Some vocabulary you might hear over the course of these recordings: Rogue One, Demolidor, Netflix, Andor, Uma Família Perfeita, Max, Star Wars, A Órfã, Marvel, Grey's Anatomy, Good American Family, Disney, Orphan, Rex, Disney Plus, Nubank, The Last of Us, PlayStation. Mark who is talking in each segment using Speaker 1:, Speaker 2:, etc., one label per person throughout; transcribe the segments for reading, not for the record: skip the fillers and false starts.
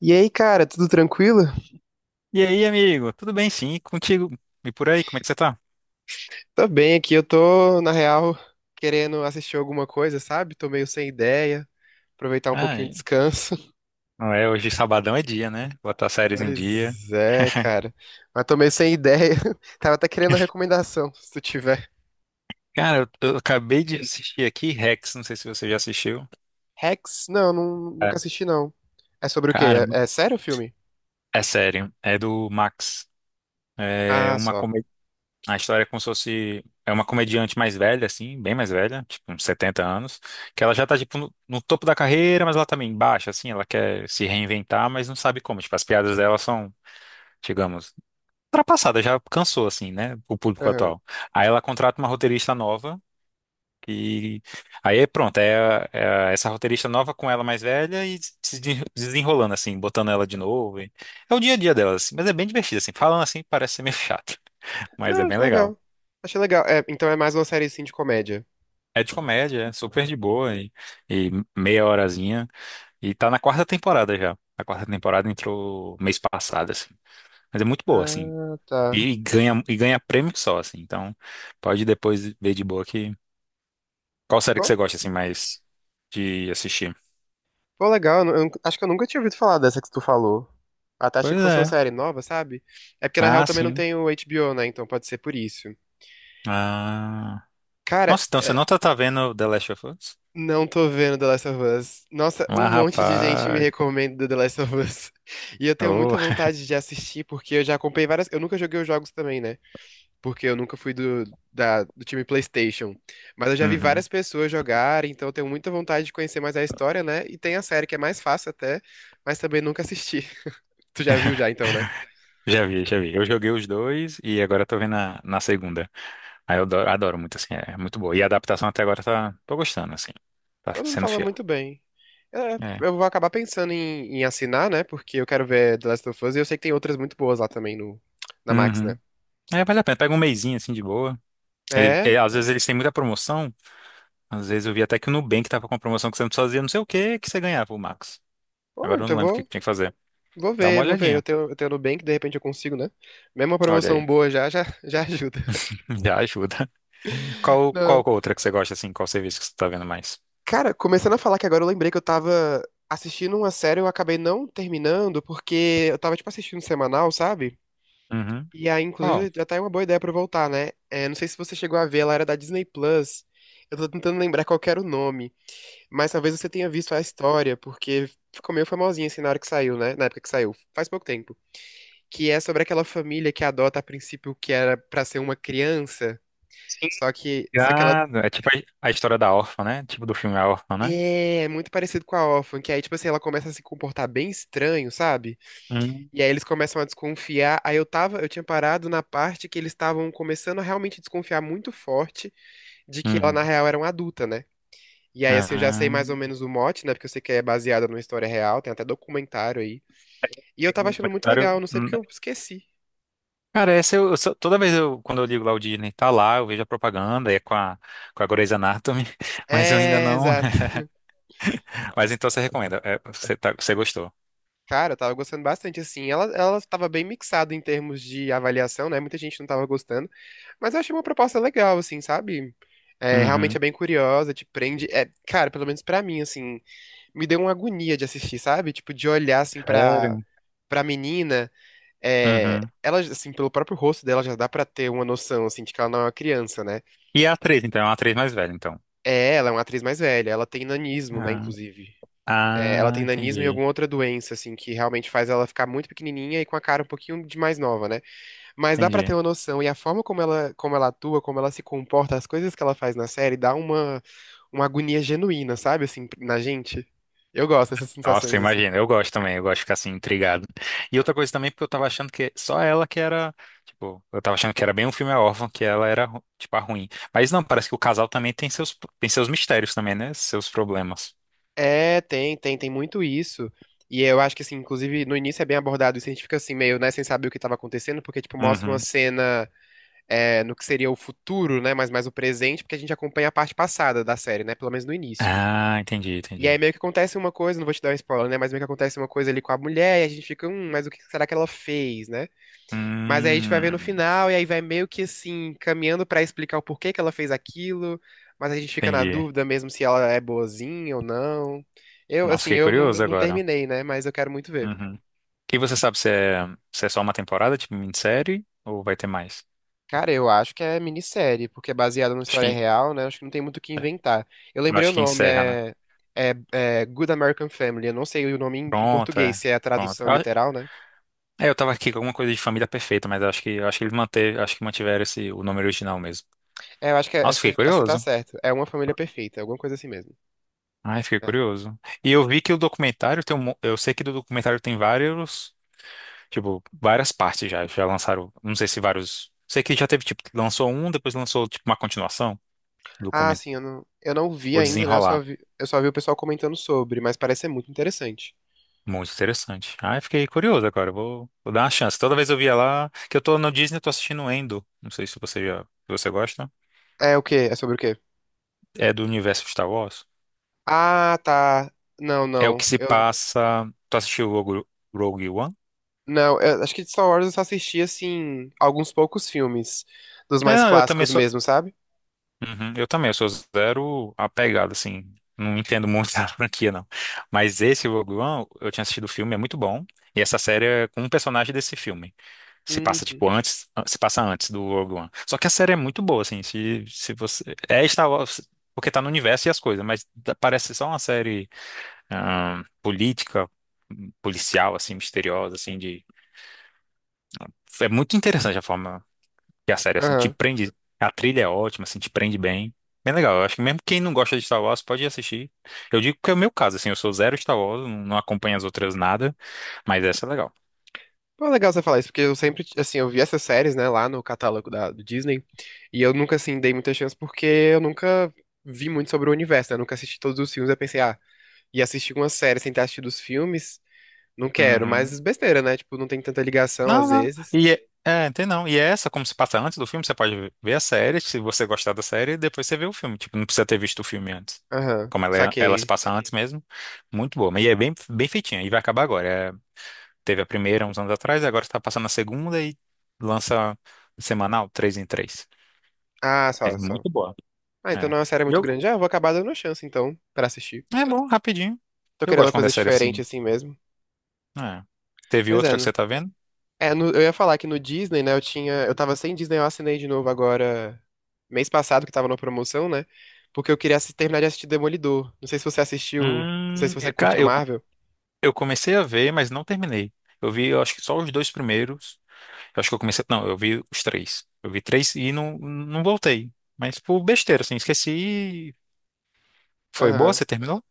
Speaker 1: E aí, cara, tudo tranquilo?
Speaker 2: E aí, amigo? Tudo bem, sim? E contigo? E por aí, como é que você tá?
Speaker 1: Tô bem aqui, eu tô, na real, querendo assistir alguma coisa, sabe? Tô meio sem ideia, aproveitar um pouquinho de
Speaker 2: Ai,
Speaker 1: descanso.
Speaker 2: não é, hoje sabadão é dia, né? Botar séries em dia.
Speaker 1: Pois é, cara. Mas tô meio sem ideia. Tava até querendo a recomendação, se tu tiver.
Speaker 2: Cara, eu acabei de assistir aqui Rex, não sei se você já assistiu.
Speaker 1: Rex? Não,
Speaker 2: É.
Speaker 1: nunca assisti, não. É sobre o quê?
Speaker 2: Cara,
Speaker 1: É,
Speaker 2: muito-
Speaker 1: é sério o filme?
Speaker 2: é sério, é do Max. É
Speaker 1: Ah,
Speaker 2: uma
Speaker 1: só.
Speaker 2: comédia. A história é como se fosse. É uma comediante mais velha, assim, bem mais velha, tipo uns 70 anos, que ela já tá, tipo, no topo da carreira, mas ela também baixa, assim, ela quer se reinventar, mas não sabe como. Tipo, as piadas dela são, digamos, ultrapassada, já cansou, assim, né? O público
Speaker 1: Aham.
Speaker 2: atual. Aí ela contrata uma roteirista nova, que aí é pronto, é essa roteirista nova com ela mais velha e se desenrolando, assim, botando ela de novo. É o dia a dia dela, assim, mas é bem divertido, assim. Falando assim, parece ser meio chato, mas é
Speaker 1: Não,
Speaker 2: bem
Speaker 1: acho
Speaker 2: legal.
Speaker 1: legal. Achei legal. É, então é mais uma série, assim, de comédia.
Speaker 2: É de comédia, é super de boa e meia horazinha. E tá na quarta temporada já. A quarta temporada entrou mês passado, assim. Mas é muito boa, assim.
Speaker 1: Ah, tá.
Speaker 2: E ganha prêmio só, assim. Então, pode depois ver de boa que qual série que
Speaker 1: Pô,
Speaker 2: você gosta assim mais de assistir?
Speaker 1: pô, legal. Acho que eu nunca tinha ouvido falar dessa que tu falou. Até achei
Speaker 2: Pois
Speaker 1: que fosse uma
Speaker 2: é.
Speaker 1: série nova, sabe? É porque na real
Speaker 2: Ah,
Speaker 1: também não
Speaker 2: sim.
Speaker 1: tem o HBO, né? Então pode ser por isso.
Speaker 2: Ah.
Speaker 1: Cara,
Speaker 2: Nossa, então você
Speaker 1: é,
Speaker 2: não tá, tá vendo The Last of Us?
Speaker 1: não tô vendo The Last of Us. Nossa,
Speaker 2: Ah,
Speaker 1: um monte de gente me
Speaker 2: rapaz.
Speaker 1: recomenda The Last of Us. E eu tenho
Speaker 2: Oh.
Speaker 1: muita vontade de assistir, porque eu já acompanhei várias. Eu nunca joguei os jogos também, né? Porque eu nunca fui do time PlayStation. Mas eu já vi
Speaker 2: Uhum.
Speaker 1: várias pessoas jogarem, então eu tenho muita vontade de conhecer mais a história, né? E tem a série que é mais fácil até, mas também nunca assisti. Tu já viu já, então, né?
Speaker 2: Já vi, já vi. Eu joguei os dois e agora tô vendo a, na segunda. Aí eu adoro, adoro muito, assim, é muito boa. E a adaptação até agora tá, tô gostando, assim. Tá
Speaker 1: Todo mundo
Speaker 2: sendo
Speaker 1: falando
Speaker 2: fiel.
Speaker 1: muito bem. É,
Speaker 2: É.
Speaker 1: eu vou acabar pensando em assinar, né? Porque eu quero ver The Last of Us e eu sei que tem outras muito boas lá também no, na Max, né?
Speaker 2: Uhum. É, vale a pena. Pega um mesinho, assim, de boa. E-
Speaker 1: É.
Speaker 2: e às vezes eles têm muita promoção. Às vezes eu vi até que o Nubank tava com uma promoção que você fazia não sei o que que você ganhava, o Max.
Speaker 1: Pô,
Speaker 2: Agora eu
Speaker 1: então
Speaker 2: não lembro o que que tinha que fazer.
Speaker 1: vou
Speaker 2: Dá uma
Speaker 1: ver, vou ver. Eu
Speaker 2: olhadinha.
Speaker 1: tenho, eu tenho Nubank, de repente eu consigo, né? Mesmo uma
Speaker 2: Olha
Speaker 1: promoção
Speaker 2: aí.
Speaker 1: boa já ajuda.
Speaker 2: Já ajuda. Qual, qual
Speaker 1: Não.
Speaker 2: outra que você gosta, assim? Qual serviço que você tá vendo mais?
Speaker 1: Cara, começando a falar que agora eu lembrei que eu tava assistindo uma série, eu acabei não terminando, porque eu tava, tipo, assistindo semanal, sabe?
Speaker 2: Uhum.
Speaker 1: E aí,
Speaker 2: Qual?
Speaker 1: inclusive, já tá aí uma boa ideia pra eu voltar, né? É, não sei se você chegou a ver, ela era da Disney Plus. Eu tô tentando lembrar qual que era o nome, mas talvez você tenha visto a história, porque ficou meio famosinha assim na hora que saiu, né? Na época que saiu, faz pouco tempo. Que é sobre aquela família que adota a princípio o que era pra ser uma criança, só que ela
Speaker 2: Obrigado. É tipo a história da órfã, né? Tipo do filme A Órfã, né?
Speaker 1: é muito parecido com a Orphan, que aí, tipo assim, ela começa a se comportar bem estranho, sabe?
Speaker 2: Uhum.
Speaker 1: E aí eles começam a desconfiar. Aí eu tava, eu tinha parado na parte que eles estavam começando a realmente desconfiar muito forte de que ela, na
Speaker 2: Uhum.
Speaker 1: real, era uma adulta, né? E aí, assim, eu já sei
Speaker 2: Ah,
Speaker 1: mais ou menos o mote, né? Porque eu sei que é baseada numa história real, tem até documentário aí. E eu
Speaker 2: tem um
Speaker 1: tava achando muito legal,
Speaker 2: documentário-
Speaker 1: não sei
Speaker 2: Hum.
Speaker 1: porque eu esqueci.
Speaker 2: Cara, essa eu só- toda vez eu, quando eu ligo lá o Disney, tá lá, eu vejo a propaganda, é com a, Grey's Anatomy, mas eu ainda
Speaker 1: É,
Speaker 2: não.
Speaker 1: exato.
Speaker 2: Mas então você recomenda, é, você, você gostou.
Speaker 1: Cara, eu tava gostando bastante, assim. Ela tava bem mixada em termos de avaliação, né? Muita gente não tava gostando. Mas eu achei uma proposta legal, assim, sabe? É, realmente
Speaker 2: Uhum.
Speaker 1: é bem curiosa, te prende. É, cara, pelo menos pra mim, assim, me deu uma agonia de assistir, sabe? Tipo, de olhar, assim,
Speaker 2: Sério?
Speaker 1: pra menina. É,
Speaker 2: Uhum.
Speaker 1: ela, assim, pelo próprio rosto dela já dá pra ter uma noção, assim, de que ela não é uma criança, né?
Speaker 2: E a atriz, então, é uma atriz mais velha, então.
Speaker 1: É, ela é uma atriz mais velha, ela tem nanismo, né, inclusive. É, ela
Speaker 2: Ah,
Speaker 1: tem nanismo e
Speaker 2: entendi.
Speaker 1: alguma outra doença, assim, que realmente faz ela ficar muito pequenininha e com a cara um pouquinho de mais nova, né? Mas dá pra ter
Speaker 2: Entendi.
Speaker 1: uma noção, e a forma como ela atua, como ela se comporta, as coisas que ela faz na série, dá uma agonia genuína, sabe, assim, na gente. Eu gosto dessas
Speaker 2: Nossa,
Speaker 1: sensações, assim.
Speaker 2: imagina. Eu gosto também, eu gosto de ficar assim, intrigado. E outra coisa também, porque eu tava achando que só ela que era. Tipo, eu tava achando que era bem um filme órfão, que ela era, tipo, a ruim. Mas não, parece que o casal também tem seus mistérios também, né? Seus problemas.
Speaker 1: É, tem muito isso. E eu acho que, assim, inclusive, no início é bem abordado isso, a gente fica assim, meio, né, sem saber o que estava acontecendo, porque, tipo, mostra uma
Speaker 2: Uhum.
Speaker 1: cena é, no que seria o futuro, né, mas mais o presente, porque a gente acompanha a parte passada da série, né, pelo menos no início.
Speaker 2: Ah, entendi,
Speaker 1: E aí
Speaker 2: entendi.
Speaker 1: meio que acontece uma coisa, não vou te dar um spoiler, né, mas meio que acontece uma coisa ali com a mulher, e a gente fica, mas o que será que ela fez, né? Mas aí a gente vai ver no
Speaker 2: Hum,
Speaker 1: final, e aí vai meio que assim, caminhando pra explicar o porquê que ela fez aquilo, mas a gente fica na
Speaker 2: entendi.
Speaker 1: dúvida mesmo se ela é boazinha ou não. Eu,
Speaker 2: Nossa,
Speaker 1: assim,
Speaker 2: fiquei
Speaker 1: eu
Speaker 2: curioso
Speaker 1: não
Speaker 2: agora.
Speaker 1: terminei, né? Mas eu quero muito ver.
Speaker 2: Uhum. E você sabe se é, se é só uma temporada, tipo minissérie, ou vai ter mais?
Speaker 1: Cara, eu acho que é minissérie, porque é baseada numa
Speaker 2: Acho
Speaker 1: história
Speaker 2: que,
Speaker 1: real, né? Acho que não tem muito o que inventar. Eu lembrei o
Speaker 2: acho que
Speaker 1: nome,
Speaker 2: encerra, né?
Speaker 1: é Good American Family. Eu não sei o nome em, em
Speaker 2: Pronto,
Speaker 1: português,
Speaker 2: é.
Speaker 1: se é a
Speaker 2: Pronto.
Speaker 1: tradução
Speaker 2: Eu
Speaker 1: literal, né?
Speaker 2: é, eu tava aqui com alguma coisa de família perfeita, mas acho que eu acho que eles manter, acho que mantiveram esse o nome original mesmo.
Speaker 1: É, eu acho que é,
Speaker 2: Nossa,
Speaker 1: essa-
Speaker 2: fiquei
Speaker 1: acho que você tá
Speaker 2: curioso.
Speaker 1: certo. É Uma Família Perfeita, alguma coisa assim mesmo.
Speaker 2: Ai, fiquei
Speaker 1: É.
Speaker 2: curioso. E eu vi que o documentário tem um, eu sei que do documentário tem vários, tipo, várias partes já, já lançaram, não sei se vários, sei que já teve tipo, lançou um, depois lançou tipo uma continuação do
Speaker 1: Ah,
Speaker 2: documentário,
Speaker 1: sim, eu eu não vi
Speaker 2: o
Speaker 1: ainda, né?
Speaker 2: desenrolar.
Speaker 1: Eu só vi o pessoal comentando sobre, mas parece ser muito interessante.
Speaker 2: Muito interessante. Ai, fiquei curioso agora, vou dar uma chance. Toda vez eu via lá, que eu tô no Disney, eu tô assistindo Endo. Não sei se você já, se você gosta.
Speaker 1: É o quê? É sobre o quê?
Speaker 2: É do universo Star Wars.
Speaker 1: Ah, tá. Não,
Speaker 2: É o
Speaker 1: não.
Speaker 2: que se
Speaker 1: Eu
Speaker 2: passa. Tu assistiu Rogue One?
Speaker 1: não, eu acho que de Star Wars eu só assisti assim alguns poucos filmes dos
Speaker 2: É,
Speaker 1: mais
Speaker 2: não, eu também
Speaker 1: clássicos
Speaker 2: sou.
Speaker 1: mesmo, sabe?
Speaker 2: Uhum, eu também, eu sou zero apegado, assim. Não entendo muito da franquia, não. Mas esse Rogue One, eu tinha assistido o filme, é muito bom. E essa série é com um personagem desse filme. Se passa,
Speaker 1: Uhum.
Speaker 2: tipo, antes. Se passa antes do Rogue One. Só que a série é muito boa, assim. Se você. É Star Wars, porque tá no universo e as coisas, mas parece só uma série ah, política, policial, assim, misteriosa, assim, de. É muito interessante a forma que a série, assim, te
Speaker 1: Aham.
Speaker 2: prende. A trilha é ótima, assim, te prende bem. Bem legal. Eu acho que mesmo quem não gosta de Star Wars pode assistir. Eu digo que é o meu caso, assim, eu sou zero Star Wars, não acompanho as outras nada, mas essa é legal.
Speaker 1: Pô, legal você falar isso, porque eu sempre, assim, eu vi essas séries, né, lá no catálogo do Disney, e eu nunca, assim, dei muita chance porque eu nunca vi muito sobre o universo, né, eu nunca assisti todos os filmes, eu pensei, ah, ia assistir uma série sem ter assistido os filmes, não quero,
Speaker 2: Uhum.
Speaker 1: mas besteira, né? Tipo, não tem tanta ligação
Speaker 2: Não,
Speaker 1: às
Speaker 2: não.
Speaker 1: vezes.
Speaker 2: E tem não. E é essa, como se passa antes do filme, você pode ver a série, se você gostar da série, e depois você vê o filme. Tipo, não precisa ter visto o filme antes.
Speaker 1: Aham,
Speaker 2: Como ela, é- ela se
Speaker 1: saquei.
Speaker 2: passa antes mesmo. Muito boa. Mas e é bem, bem feitinha. E vai acabar agora. É, teve a primeira uns anos atrás, e agora está passando a segunda e lança semanal, três em três.
Speaker 1: Ah,
Speaker 2: Mas
Speaker 1: só, só.
Speaker 2: muito boa.
Speaker 1: Ah, então
Speaker 2: É.
Speaker 1: não é uma série
Speaker 2: E
Speaker 1: muito
Speaker 2: eu,
Speaker 1: grande. Ah, eu vou acabar dando uma chance, então, pra assistir.
Speaker 2: é bom, rapidinho.
Speaker 1: Tô
Speaker 2: Eu
Speaker 1: querendo uma
Speaker 2: gosto quando é
Speaker 1: coisa
Speaker 2: série
Speaker 1: diferente
Speaker 2: assim.
Speaker 1: assim mesmo.
Speaker 2: É. Teve
Speaker 1: Pois é,
Speaker 2: outra que
Speaker 1: né?
Speaker 2: você tá vendo?
Speaker 1: É, no- eu ia falar que no Disney, né, eu tinha... Eu tava sem Disney, eu assinei de novo agora, mês passado, que tava na promoção, né? Porque eu queria terminar de assistir Demolidor. Não sei se você assistiu, não sei se você
Speaker 2: Eu,
Speaker 1: curte
Speaker 2: ca-
Speaker 1: a Marvel.
Speaker 2: eu comecei a ver, mas não terminei. Eu vi, eu acho que só os dois primeiros. Eu acho que eu comecei. Não, eu vi os três. Eu vi três e não voltei. Mas por besteira, assim, esqueci. E foi boa?
Speaker 1: Aham.
Speaker 2: Você terminou?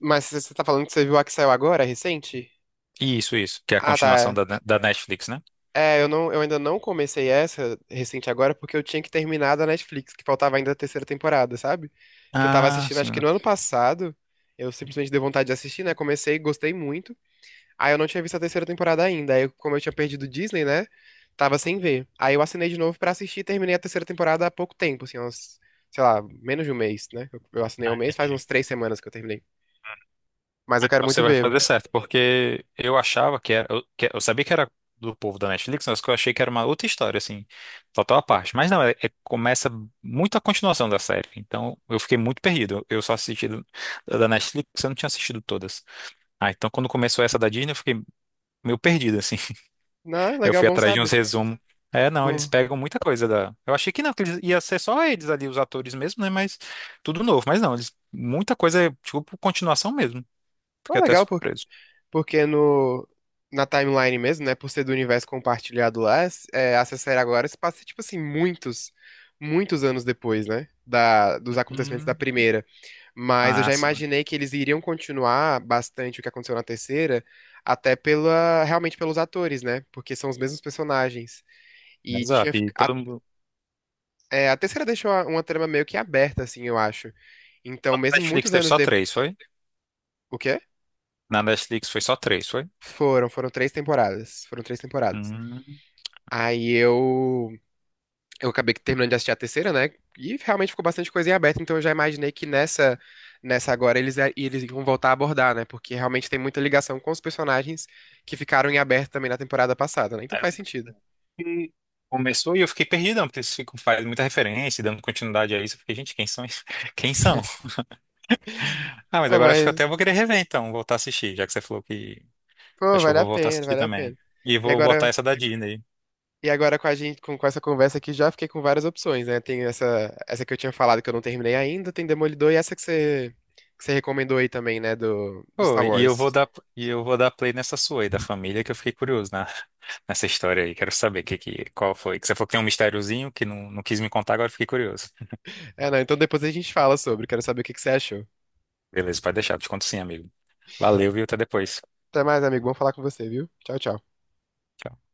Speaker 1: Mas você tá falando que você viu a que saiu agora, recente?
Speaker 2: Isso, isso. Que é a
Speaker 1: Ah, tá.
Speaker 2: continuação
Speaker 1: é.
Speaker 2: da Netflix, né?
Speaker 1: É, eu não, eu ainda não comecei essa recente agora porque eu tinha que terminar da Netflix, que faltava ainda a terceira temporada, sabe? Que eu tava
Speaker 2: Ah,
Speaker 1: assistindo, acho
Speaker 2: sim.
Speaker 1: que no ano passado, eu simplesmente dei vontade de assistir, né? Comecei, gostei muito. Aí eu não tinha visto a terceira temporada ainda. Aí, como eu tinha perdido o Disney, né? Tava sem ver. Aí eu assinei de novo pra assistir e terminei a terceira temporada há pouco tempo, assim, uns, sei lá, menos de um mês, né? Eu assinei há um
Speaker 2: Ah,
Speaker 1: mês, faz
Speaker 2: entendi.
Speaker 1: uns 3 semanas que eu terminei. Mas eu quero
Speaker 2: Então
Speaker 1: muito
Speaker 2: você vai
Speaker 1: ver.
Speaker 2: fazer certo, porque eu achava que era. Eu sabia que era do povo da Netflix, mas que eu achei que era uma outra história, assim, total à parte. Mas não, começa muito a continuação da série. Então eu fiquei muito perdido. Eu só assisti da Netflix, eu não tinha assistido todas. Ah, então quando começou essa da Disney, eu fiquei meio perdido, assim.
Speaker 1: Não, é
Speaker 2: Eu
Speaker 1: legal,
Speaker 2: fui
Speaker 1: bom
Speaker 2: atrás de uns
Speaker 1: sabe?
Speaker 2: resumos. É, não, eles
Speaker 1: Bom,
Speaker 2: pegam muita coisa da. Eu achei que não, que eles, ia ser só eles ali, os atores mesmo, né? Mas tudo novo. Mas não, eles, muita coisa é tipo continuação mesmo.
Speaker 1: é
Speaker 2: Fiquei até
Speaker 1: legal.
Speaker 2: surpreso.
Speaker 1: Porque no, na timeline mesmo, né? Por ser do universo compartilhado lá, é, essa série agora se passa, tipo assim, muitos, muitos anos depois, né? Da, dos acontecimentos da primeira. Mas eu
Speaker 2: Ah,
Speaker 1: já
Speaker 2: sim.
Speaker 1: imaginei que eles iriam continuar bastante o que aconteceu na terceira, até pela, realmente pelos atores, né? Porque são os mesmos personagens. E tinha,
Speaker 2: Exato. E
Speaker 1: fic- a,
Speaker 2: todo mundo.
Speaker 1: é, a terceira deixou a- uma trama meio que aberta, assim, eu acho. Então,
Speaker 2: Na
Speaker 1: mesmo
Speaker 2: Netflix
Speaker 1: muitos
Speaker 2: teve
Speaker 1: anos
Speaker 2: só
Speaker 1: depois.
Speaker 2: três, foi?
Speaker 1: O quê?
Speaker 2: Na Netflix foi só três, foi?
Speaker 1: Foram três temporadas. Foram três temporadas.
Speaker 2: Hum.
Speaker 1: Aí eu acabei que terminando de assistir a terceira, né? E realmente ficou bastante coisa em aberto, então eu já imaginei que nessa, nessa agora eles iam voltar a abordar, né? Porque realmente tem muita ligação com os personagens que ficaram em aberto também na temporada passada, né? Então
Speaker 2: Aí eu
Speaker 1: faz sentido.
Speaker 2: fiquei- Começou e eu fiquei perdidão, porque eles ficam fazendo muita referência, e dando continuidade a isso. Eu fiquei, gente, quem são? Quem são? Ah, mas
Speaker 1: Pô,
Speaker 2: agora acho que
Speaker 1: mas,
Speaker 2: até eu vou querer rever, então, voltar a assistir, já que você falou que.
Speaker 1: pô,
Speaker 2: Acho que eu
Speaker 1: vale
Speaker 2: vou
Speaker 1: a
Speaker 2: voltar a
Speaker 1: pena,
Speaker 2: assistir
Speaker 1: vale a
Speaker 2: também.
Speaker 1: pena.
Speaker 2: E
Speaker 1: E
Speaker 2: vou botar
Speaker 1: agora,
Speaker 2: essa da Disney.
Speaker 1: e agora com a gente, com essa conversa aqui, já fiquei com várias opções, né? Tem essa, essa que eu tinha falado que eu não terminei ainda, tem Demolidor e essa que você recomendou aí também, né? Do, do
Speaker 2: Pô,
Speaker 1: Star
Speaker 2: e eu
Speaker 1: Wars.
Speaker 2: vou dar, e eu vou dar play nessa sua aí, da família, que eu fiquei curioso na, nessa história aí. Quero saber qual foi. Que você falou que tem um mistériozinho que não quis me contar, agora eu fiquei curioso.
Speaker 1: É, não, então depois a gente fala sobre, quero saber o que que você achou.
Speaker 2: Beleza, pode deixar. Te conto sim, amigo. Valeu, viu? Até depois.
Speaker 1: Até mais, amigo. Vamos falar com você, viu? Tchau, tchau.
Speaker 2: Tchau.